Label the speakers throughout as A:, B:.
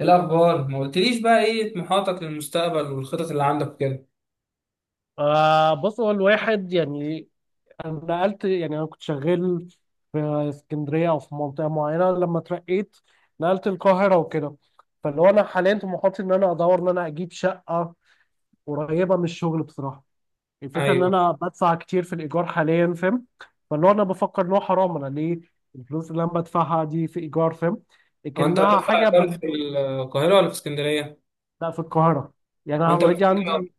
A: إيه الأخبار؟ ما قلتليش بقى إيه طموحاتك للمستقبل والخطط اللي عندك كده؟
B: بص، هو الواحد يعني انا نقلت. يعني انا كنت شغال في اسكندريه او في منطقه معينه. لما اترقيت نقلت القاهره وكده. فاللي هو انا حاليا طموحاتي ان انا ادور ان انا اجيب شقه قريبه من الشغل بصراحه. الفكره ان
A: أيوه.
B: انا بدفع كتير في الايجار حاليا، فاهم؟ فاللي هو انا بفكر ان هو حرام انا ليه الفلوس اللي انا بدفعها دي في ايجار، فاهم؟
A: هو أنت
B: لكنها
A: هترفع
B: حاجه
A: إقامة في القاهرة ولا في اسكندرية؟
B: لا، في القاهره. يعني انا
A: وأنت في
B: اوريدي
A: اسكندرية؟
B: عندي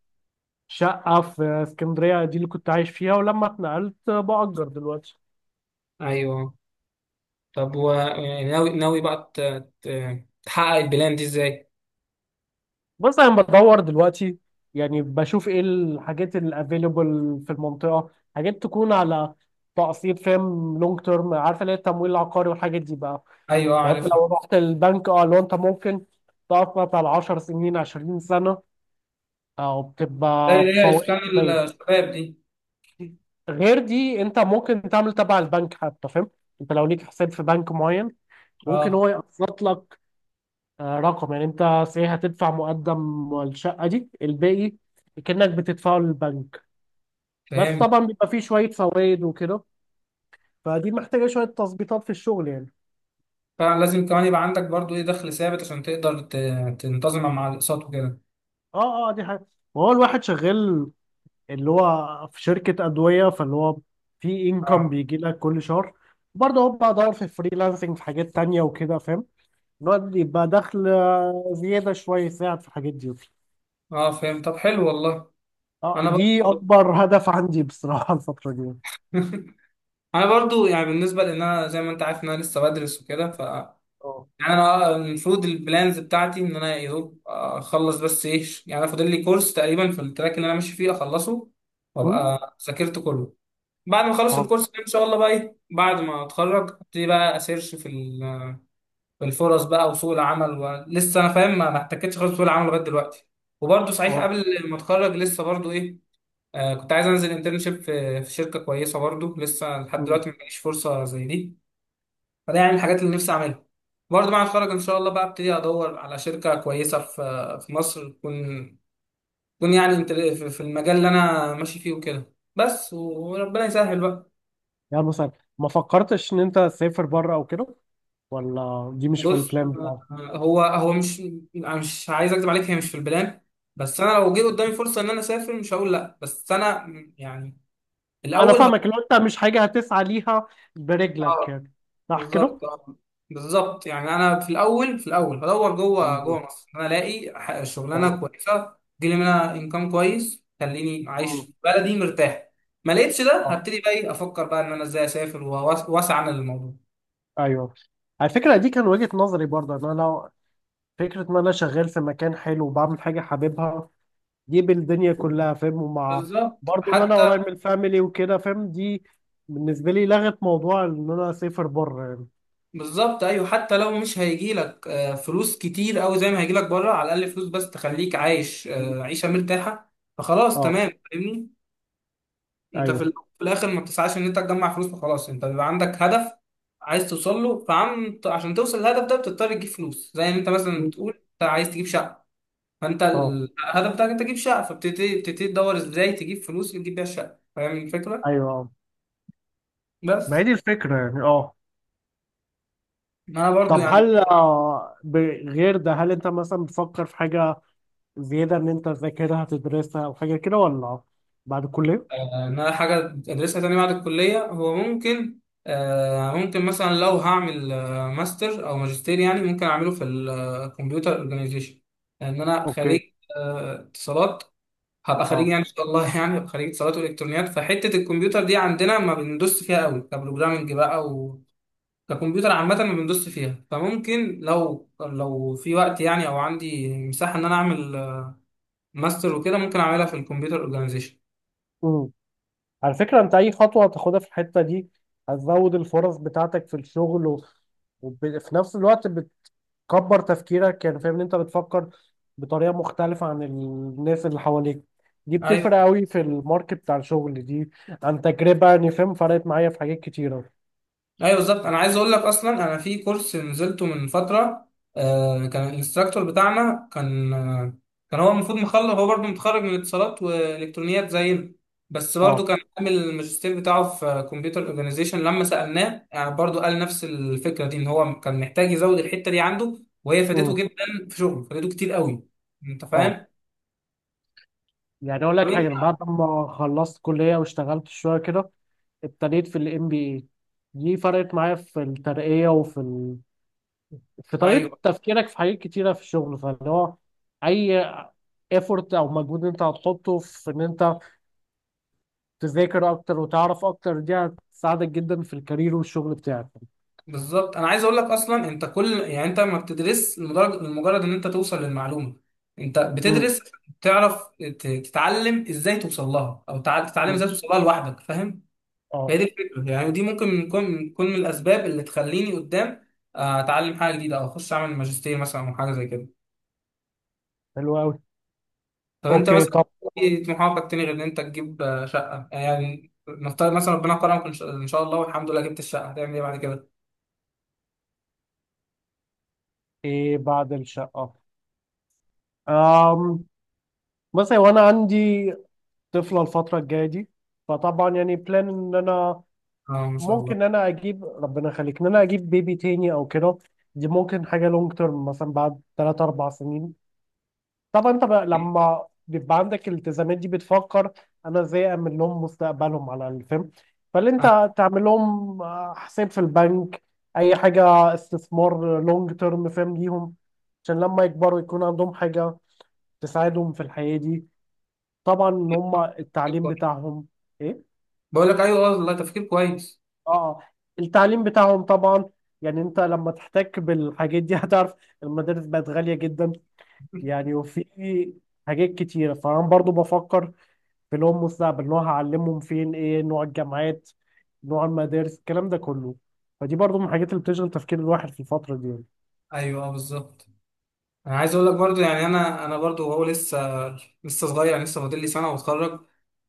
B: شقة في اسكندرية، دي اللي كنت عايش فيها، ولما اتنقلت بأجر دلوقتي.
A: أيوه. طب، و يعني ناوي بقى تحقق البلان دي إزاي؟
B: بس أنا بدور دلوقتي، يعني بشوف إيه الحاجات الأفيلبل في المنطقة، حاجات تكون على تقسيط، فاهم؟ لونج تيرم، عارفة اللي هي التمويل العقاري والحاجات دي بقى.
A: أيوه، آه،
B: يعني أنت
A: عارفها.
B: لو رحت البنك، أه لو أنت ممكن تقسط على 10 سنين 20 سنة، أو
A: زي
B: بتبقى
A: اللي هي
B: بفوائد
A: إسكان
B: قليلة.
A: الشباب دي.
B: غير دي أنت ممكن تعمل تبع البنك حتى، فاهم؟ أنت لو ليك حساب في بنك معين ممكن هو
A: أه،
B: يقسط لك. رقم. يعني انت صحيح هتدفع مقدم الشقة، دي الباقي كأنك بتدفعه للبنك. بس
A: فهمت.
B: طبعا بيبقى فيه شوية فوائد وكده، فدي محتاجة شوية تظبيطات في الشغل يعني.
A: فلازم كمان يبقى عندك برضو إيه دخل ثابت عشان تقدر تنتظم مع الأقساط وكده.
B: اه اه، دي حاجة. وهو الواحد شغال اللي هو في شركة أدوية، فاللي هو في انكم
A: أه.
B: بيجي لك كل شهر. برضه هو بدور في فريلانسنج في حاجات تانية وكده، فاهم؟ إن هو يبقى دخل زيادة شوية، يساعد في الحاجات دي.
A: أه، فهمت. طب، حلو والله.
B: اه
A: أنا
B: دي
A: برضو.
B: أكبر هدف عندي بصراحة الفترة دي.
A: انا برضو، يعني بالنسبه لان انا زي ما انت عارف ان انا لسه بدرس وكده، ف يعني،
B: اه.
A: انا المفروض البلانز بتاعتي ان انا يا دوب اخلص، بس ايه، يعني انا فاضل لي كورس تقريبا في التراك اللي انا ماشي فيه اخلصه.
B: م؟
A: وابقى ذاكرت كله. بعد ما اخلص
B: اه
A: الكورس ده ان شاء الله، بقى ايه، بعد ما اتخرج ابتدي بقى اسيرش في الفرص بقى وسوق العمل، ولسه انا فاهم ما احتكتش خالص في سوق العمل لغايه دلوقتي. وبرضو صحيح
B: اه.
A: قبل ما اتخرج لسه برضو ايه، كنت عايز انزل انترنشيب في شركه كويسه، برضو لسه لحد
B: مم.
A: دلوقتي ما جاليش فرصه زي دي. فده يعني الحاجات اللي نفسي اعملها. برضه بعد ما اتخرج ان شاء الله بقى ابتدي ادور على شركه كويسه في في مصر، تكون يعني في المجال اللي انا ماشي فيه وكده، بس وربنا يسهل بقى.
B: يعني مثلا ما فكرتش ان انت تسافر بره او كده، ولا دي مش في
A: بص.
B: البلان بتاعك؟
A: هو مش، أنا مش عايز اكذب عليك، هي مش في البلان. بس انا لو جه قدامي فرصه ان انا اسافر مش هقول لا، بس انا يعني
B: انا
A: الاول.
B: فاهمك، لو انت مش حاجه هتسعى ليها برجلك يعني، صح كده؟
A: بالظبط آه. بالظبط، يعني انا في الاول في الاول بدور جوه
B: مم.
A: جوه مصر، انا الاقي شغلانه
B: اه.
A: كويسه تجيلي منها انكم كويس، تخليني عايش
B: مم.
A: في بلدي مرتاح. ما لقيتش ده
B: اه
A: هبتدي بقى، إيه، افكر بقى ان انا ازاي اسافر، واسعى للموضوع.
B: ايوه، على فكره دي كان وجهه نظري برضه، ان انا لو فكره ان انا شغال في مكان حلو وبعمل حاجه حاببها دي بالدنيا كلها، فاهم؟ ومع
A: بالظبط،
B: برضه ان انا قريب
A: حتى.
B: من الفاميلي وكده، فاهم؟ دي بالنسبه لي لغت موضوع ان انا اسافر بره يعني.
A: بالظبط، ايوه، حتى لو مش هيجي لك فلوس كتير قوي زي ما هيجي لك بره، على الاقل فلوس بس تخليك عايش
B: مم.
A: عيشه مرتاحه. فخلاص
B: اه
A: تمام، فاهمني. انت في
B: ايوه.
A: ال- في الاخر ما بتسعاش ان انت تجمع فلوس وخلاص، انت بيبقى عندك هدف عايز توصل له، فعم عشان توصل للهدف ده بتضطر تجيب فلوس، زي ما انت مثلا
B: مم.
A: بتقول انت عايز تجيب شقه، فانت
B: اه
A: الهدف بتاعك انت تجيب شقه، فبتبتدي تدور ازاي تجيب فلوس اللي تجيب بيها الشقه، فاهم الفكره.
B: ايوه، ما هي
A: بس.
B: دي الفكرة يعني. اه
A: ما انا برضو
B: طب،
A: يعني.
B: هل غير ده هل انت مثلا بتفكر في حاجة زيادة ان انت تذاكرها تدرسها او حاجة كده، ولا بعد الكلية؟
A: ان انا حاجه ادرسها تاني بعد الكليه، هو ممكن، ممكن مثلا لو هعمل ماستر او ماجستير، يعني ممكن اعمله في الكمبيوتر اورجانيزيشن. لان انا
B: اوكي.
A: خريج، اتصالات. هبقى خريج
B: اه.
A: يعني ان شاء الله، يعني هبقى خريج اتصالات والكترونيات. فحته الكمبيوتر دي عندنا ما بندوس فيها قوي كبروجرامنج بقى، و ككمبيوتر عامه ما بندوس فيها، فممكن لو في وقت يعني، او عندي مساحه ان انا اعمل ماستر وكده، ممكن اعملها في الكمبيوتر اورجانيزيشن.
B: امم. على فكرة انت اي خطوة هتاخدها في الحتة دي هتزود الفرص بتاعتك في الشغل وفي نفس الوقت بتكبر تفكيرك يعني، فاهم؟ ان انت بتفكر بطريقة مختلفة عن الناس اللي حواليك، دي بتفرق قوي في الماركت بتاع الشغل دي، عن تجربة يعني، فاهم؟ فرقت معايا في حاجات كتيرة.
A: ايوه بالظبط، انا عايز اقول لك اصلا، انا في كورس نزلته من فتره، كان الانستراكتور بتاعنا كان، كان هو المفروض مخلص، هو برضه متخرج من اتصالات والكترونيات زينا، بس برضه
B: اه.
A: كان عامل الماجستير بتاعه في كمبيوتر اورجانيزيشن، لما سالناه يعني برضه قال نفس الفكره دي، ان هو كان محتاج يزود الحته دي عنده. وهي فادته جدا في شغله، فادته كتير قوي. انت
B: اه،
A: فاهم؟
B: يعني اقول
A: طب
B: لك حاجه، أنا
A: إنت-
B: بعد ما خلصت كليه واشتغلت شويه كده ابتديت في الام بي اي، دي فرقت معايا في الترقيه في طريقه
A: ايوه
B: تفكيرك في حاجات كتيره في الشغل، فاللي هو اي ايفورت او مجهود انت هتحطه في ان انت تذاكر اكتر وتعرف اكتر، دي هتساعدك جدا في الكارير والشغل بتاعك.
A: بالظبط، انا عايز اقول لك اصلا انت كل، يعني انت ما بتدرس لمجرد ان انت توصل للمعلومه. انت
B: امم.
A: بتدرس تعرف تتعلم ازاي توصل لها، او تتعلم
B: أمم.
A: ازاي توصل لها لوحدك، فاهم. هي
B: اه
A: دي الفكره يعني، ودي ممكن تكون من الاسباب اللي تخليني قدام اتعلم حاجه جديده، او اخش اعمل ماجستير مثلا، او حاجه زي كده.
B: حلو قوي.
A: طب انت
B: اوكي
A: مثلا،
B: طب،
A: ايه طموحاتك تاني غير ان انت تجيب شقه؟ يعني نفترض مثلا ربنا كرمك ان شاء إن شاء الله والحمد لله جبت الشقه، هتعمل ايه بعد كده؟
B: ايه بعد الشقه؟ أم... مثلا، وانا عندي طفله الفتره الجايه دي، فطبعا يعني بلان ان انا
A: اه، ما شاء
B: ممكن
A: الله.
B: ان انا اجيب، ربنا يخليك، ان انا اجيب بيبي تاني او كده. دي ممكن حاجه لونج تيرم مثلا بعد 3 4 سنين. طبعا انت بقى لما بيبقى عندك الالتزامات دي بتفكر انا ازاي اعمل لهم مستقبلهم على الفيلم. فاللي انت تعمل لهم حساب في البنك، اي حاجه استثمار لونج تيرم، فاهم؟ ليهم، عشان لما يكبروا يكون عندهم حاجه تساعدهم في الحياه دي. طبعا ان هم التعليم بتاعهم إيه؟
A: بقول لك ايوه والله، تفكير كويس.
B: اه، التعليم بتاعهم طبعا. يعني انت لما تحتك بالحاجات دي هتعرف المدارس بقت غالية جدا يعني. وفي حاجات كتيرة، فانا برضو بفكر في لهم مستقبل، ان هو هعلمهم فين، ايه نوع الجامعات، نوع المدارس، الكلام ده كله. فدي برضو من الحاجات اللي بتشغل تفكير الواحد في الفترة دي يعني.
A: ايوه، آه، بالظبط. انا عايز اقول لك برضو، يعني انا برضو هو لسه، لسه صغير، يعني لسه فاضل لي سنه واتخرج.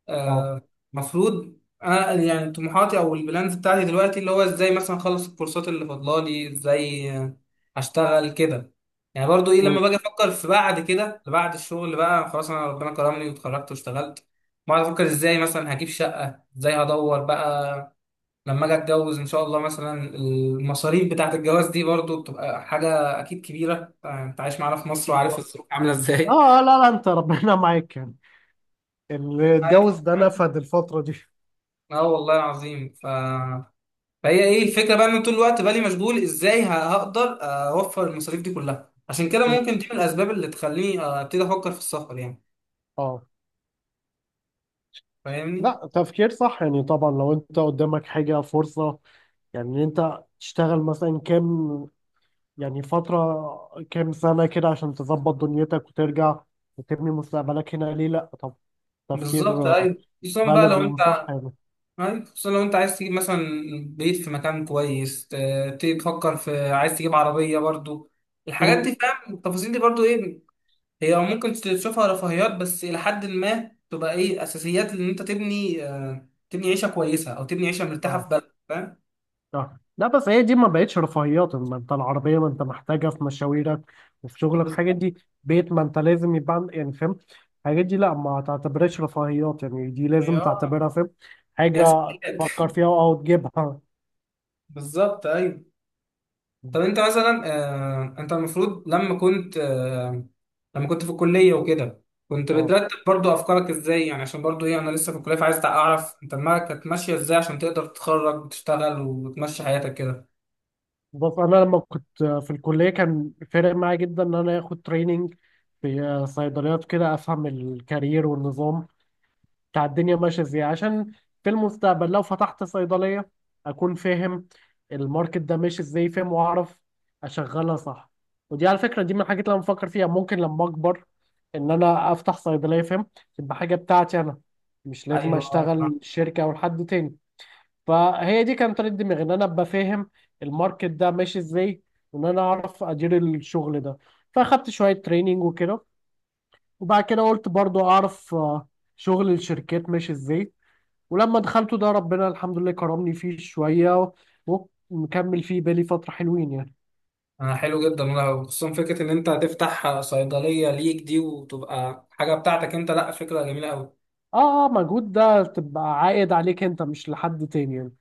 A: آه،
B: اه.
A: المفروض انا، يعني طموحاتي او البلانز بتاعتي دلوقتي، اللي هو ازاي مثلا اخلص الكورسات اللي فاضلالي، ازاي اشتغل كده. يعني برضو ايه، لما
B: مم.
A: باجي افكر في بعد كده، بعد الشغل بقى، خلاص انا ربنا كرمني واتخرجت واشتغلت، بقعد افكر ازاي مثلا هجيب شقه، ازاي هدور بقى. لما اجي اتجوز ان شاء الله، مثلا المصاريف بتاعت الجواز دي برضو بتبقى حاجه اكيد كبيره، انت عايش معانا في مصر وعارف
B: بالظبط.
A: الظروف عامله ازاي.
B: اه لا لا، انت ربنا معاك يعني، اللي اتجوز
A: ايوه.
B: ده نفد الفترة دي.
A: اه والله العظيم. فهي ايه الفكره بقى، ان طول الوقت بالي مشغول، ازاي هقدر اوفر المصاريف دي كلها، عشان كده
B: مم.
A: ممكن دي من الاسباب اللي تخليني ابتدي افكر في السفر يعني.
B: اه
A: فاهمني.
B: لا، تفكير صح يعني. طبعا لو انت قدامك حاجة فرصة يعني، ان انت تشتغل مثلا كام، يعني فترة كام سنة كده عشان تظبط دنيتك وترجع وتبني مستقبلك هنا، ليه لا؟ طب، تفكير
A: بالظبط ايوه، خصوصا بقى
B: بالغ
A: لو انت،
B: وصح يعني.
A: أيوة، خصوصا لو انت عايز تجيب مثلا بيت في مكان كويس، تبتدي تفكر في عايز تجيب عربية برضو. الحاجات
B: م-
A: دي فاهم، التفاصيل دي برضو ايه، هي ممكن تشوفها رفاهيات، بس إلى حد ما تبقى ايه أساسيات، إن أنت تبني تبني عيشة كويسة أو تبني عيشة مرتاحة في
B: اه.
A: بلد، فاهم.
B: آه. لا، بس هي دي ما بقتش رفاهيات، ما انت العربية ما انت محتاجها في مشاويرك وفي شغلك، الحاجات
A: بالظبط.
B: دي. بيت، ما انت لازم يبقى يعني فاهم، الحاجات دي لا ما تعتبرهاش رفاهيات يعني، دي
A: هي
B: لازم تعتبرها، فاهم؟
A: دي
B: حاجة
A: أساسيات.
B: تفكر فيها او تجيبها.
A: بالظبط أيوة. طب انت مثلا انت المفروض لما كنت في الكليه وكده، كنت
B: اه
A: بترتب برضو افكارك ازاي، يعني عشان برضو ايه، انا لسه في الكليه فعايز اعرف انت دماغك كانت ماشيه ازاي عشان تقدر تتخرج وتشتغل وتمشي حياتك كده.
B: بص، انا لما كنت في الكليه كان فارق معايا جدا ان انا اخد تريننج في صيدليات كده، افهم الكارير والنظام بتاع الدنيا ماشيه ازاي، عشان في المستقبل لو فتحت صيدليه اكون فاهم الماركت ده ماشي ازاي، فاهم؟ واعرف اشغلها صح. ودي على فكره دي من الحاجات اللي انا بفكر فيها، ممكن لما اكبر ان انا افتح صيدليه، فاهم؟ تبقى حاجه بتاعتي انا، مش لازم
A: ايوه.
B: اشتغل شركه او لحد تاني. فهي دي كانت طريقة دماغي، ان انا ابقى فاهم الماركت ده ماشي ازاي، وان انا اعرف ادير الشغل ده. فاخدت شوية تريننج وكده، وبعد كده قلت برضو اعرف شغل الشركات ماشي ازاي، ولما دخلته ده ربنا الحمد لله كرمني فيه شوية ومكمل فيه بالي فترة حلوين يعني.
A: انا حلو جدا والله، وخصوصا فكره ان انت هتفتح صيدليه ليك دي وتبقى حاجه بتاعتك انت، لا فكره جميله قوي.
B: اه. اه، مجهود ده تبقى عائد عليك انت مش لحد تاني يعني.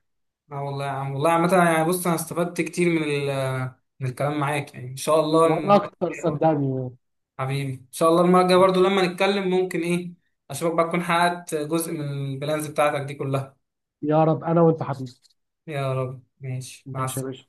A: اه والله يا عم، والله عامه، يعني بص انا استفدت كتير من الكلام معاك، يعني ان شاء الله
B: وانا
A: المره
B: اكتر
A: الجايه،
B: صدقني يعني.
A: حبيبي ان شاء الله المره الجايه برضو لما نتكلم ممكن، ايه اشوفك بقى تكون حققت جزء من البلانز بتاعتك دي كلها.
B: يا رب، انا وانت حبيبي.
A: يا رب، ماشي مع
B: ماشي يا
A: السلامه.
B: باشا.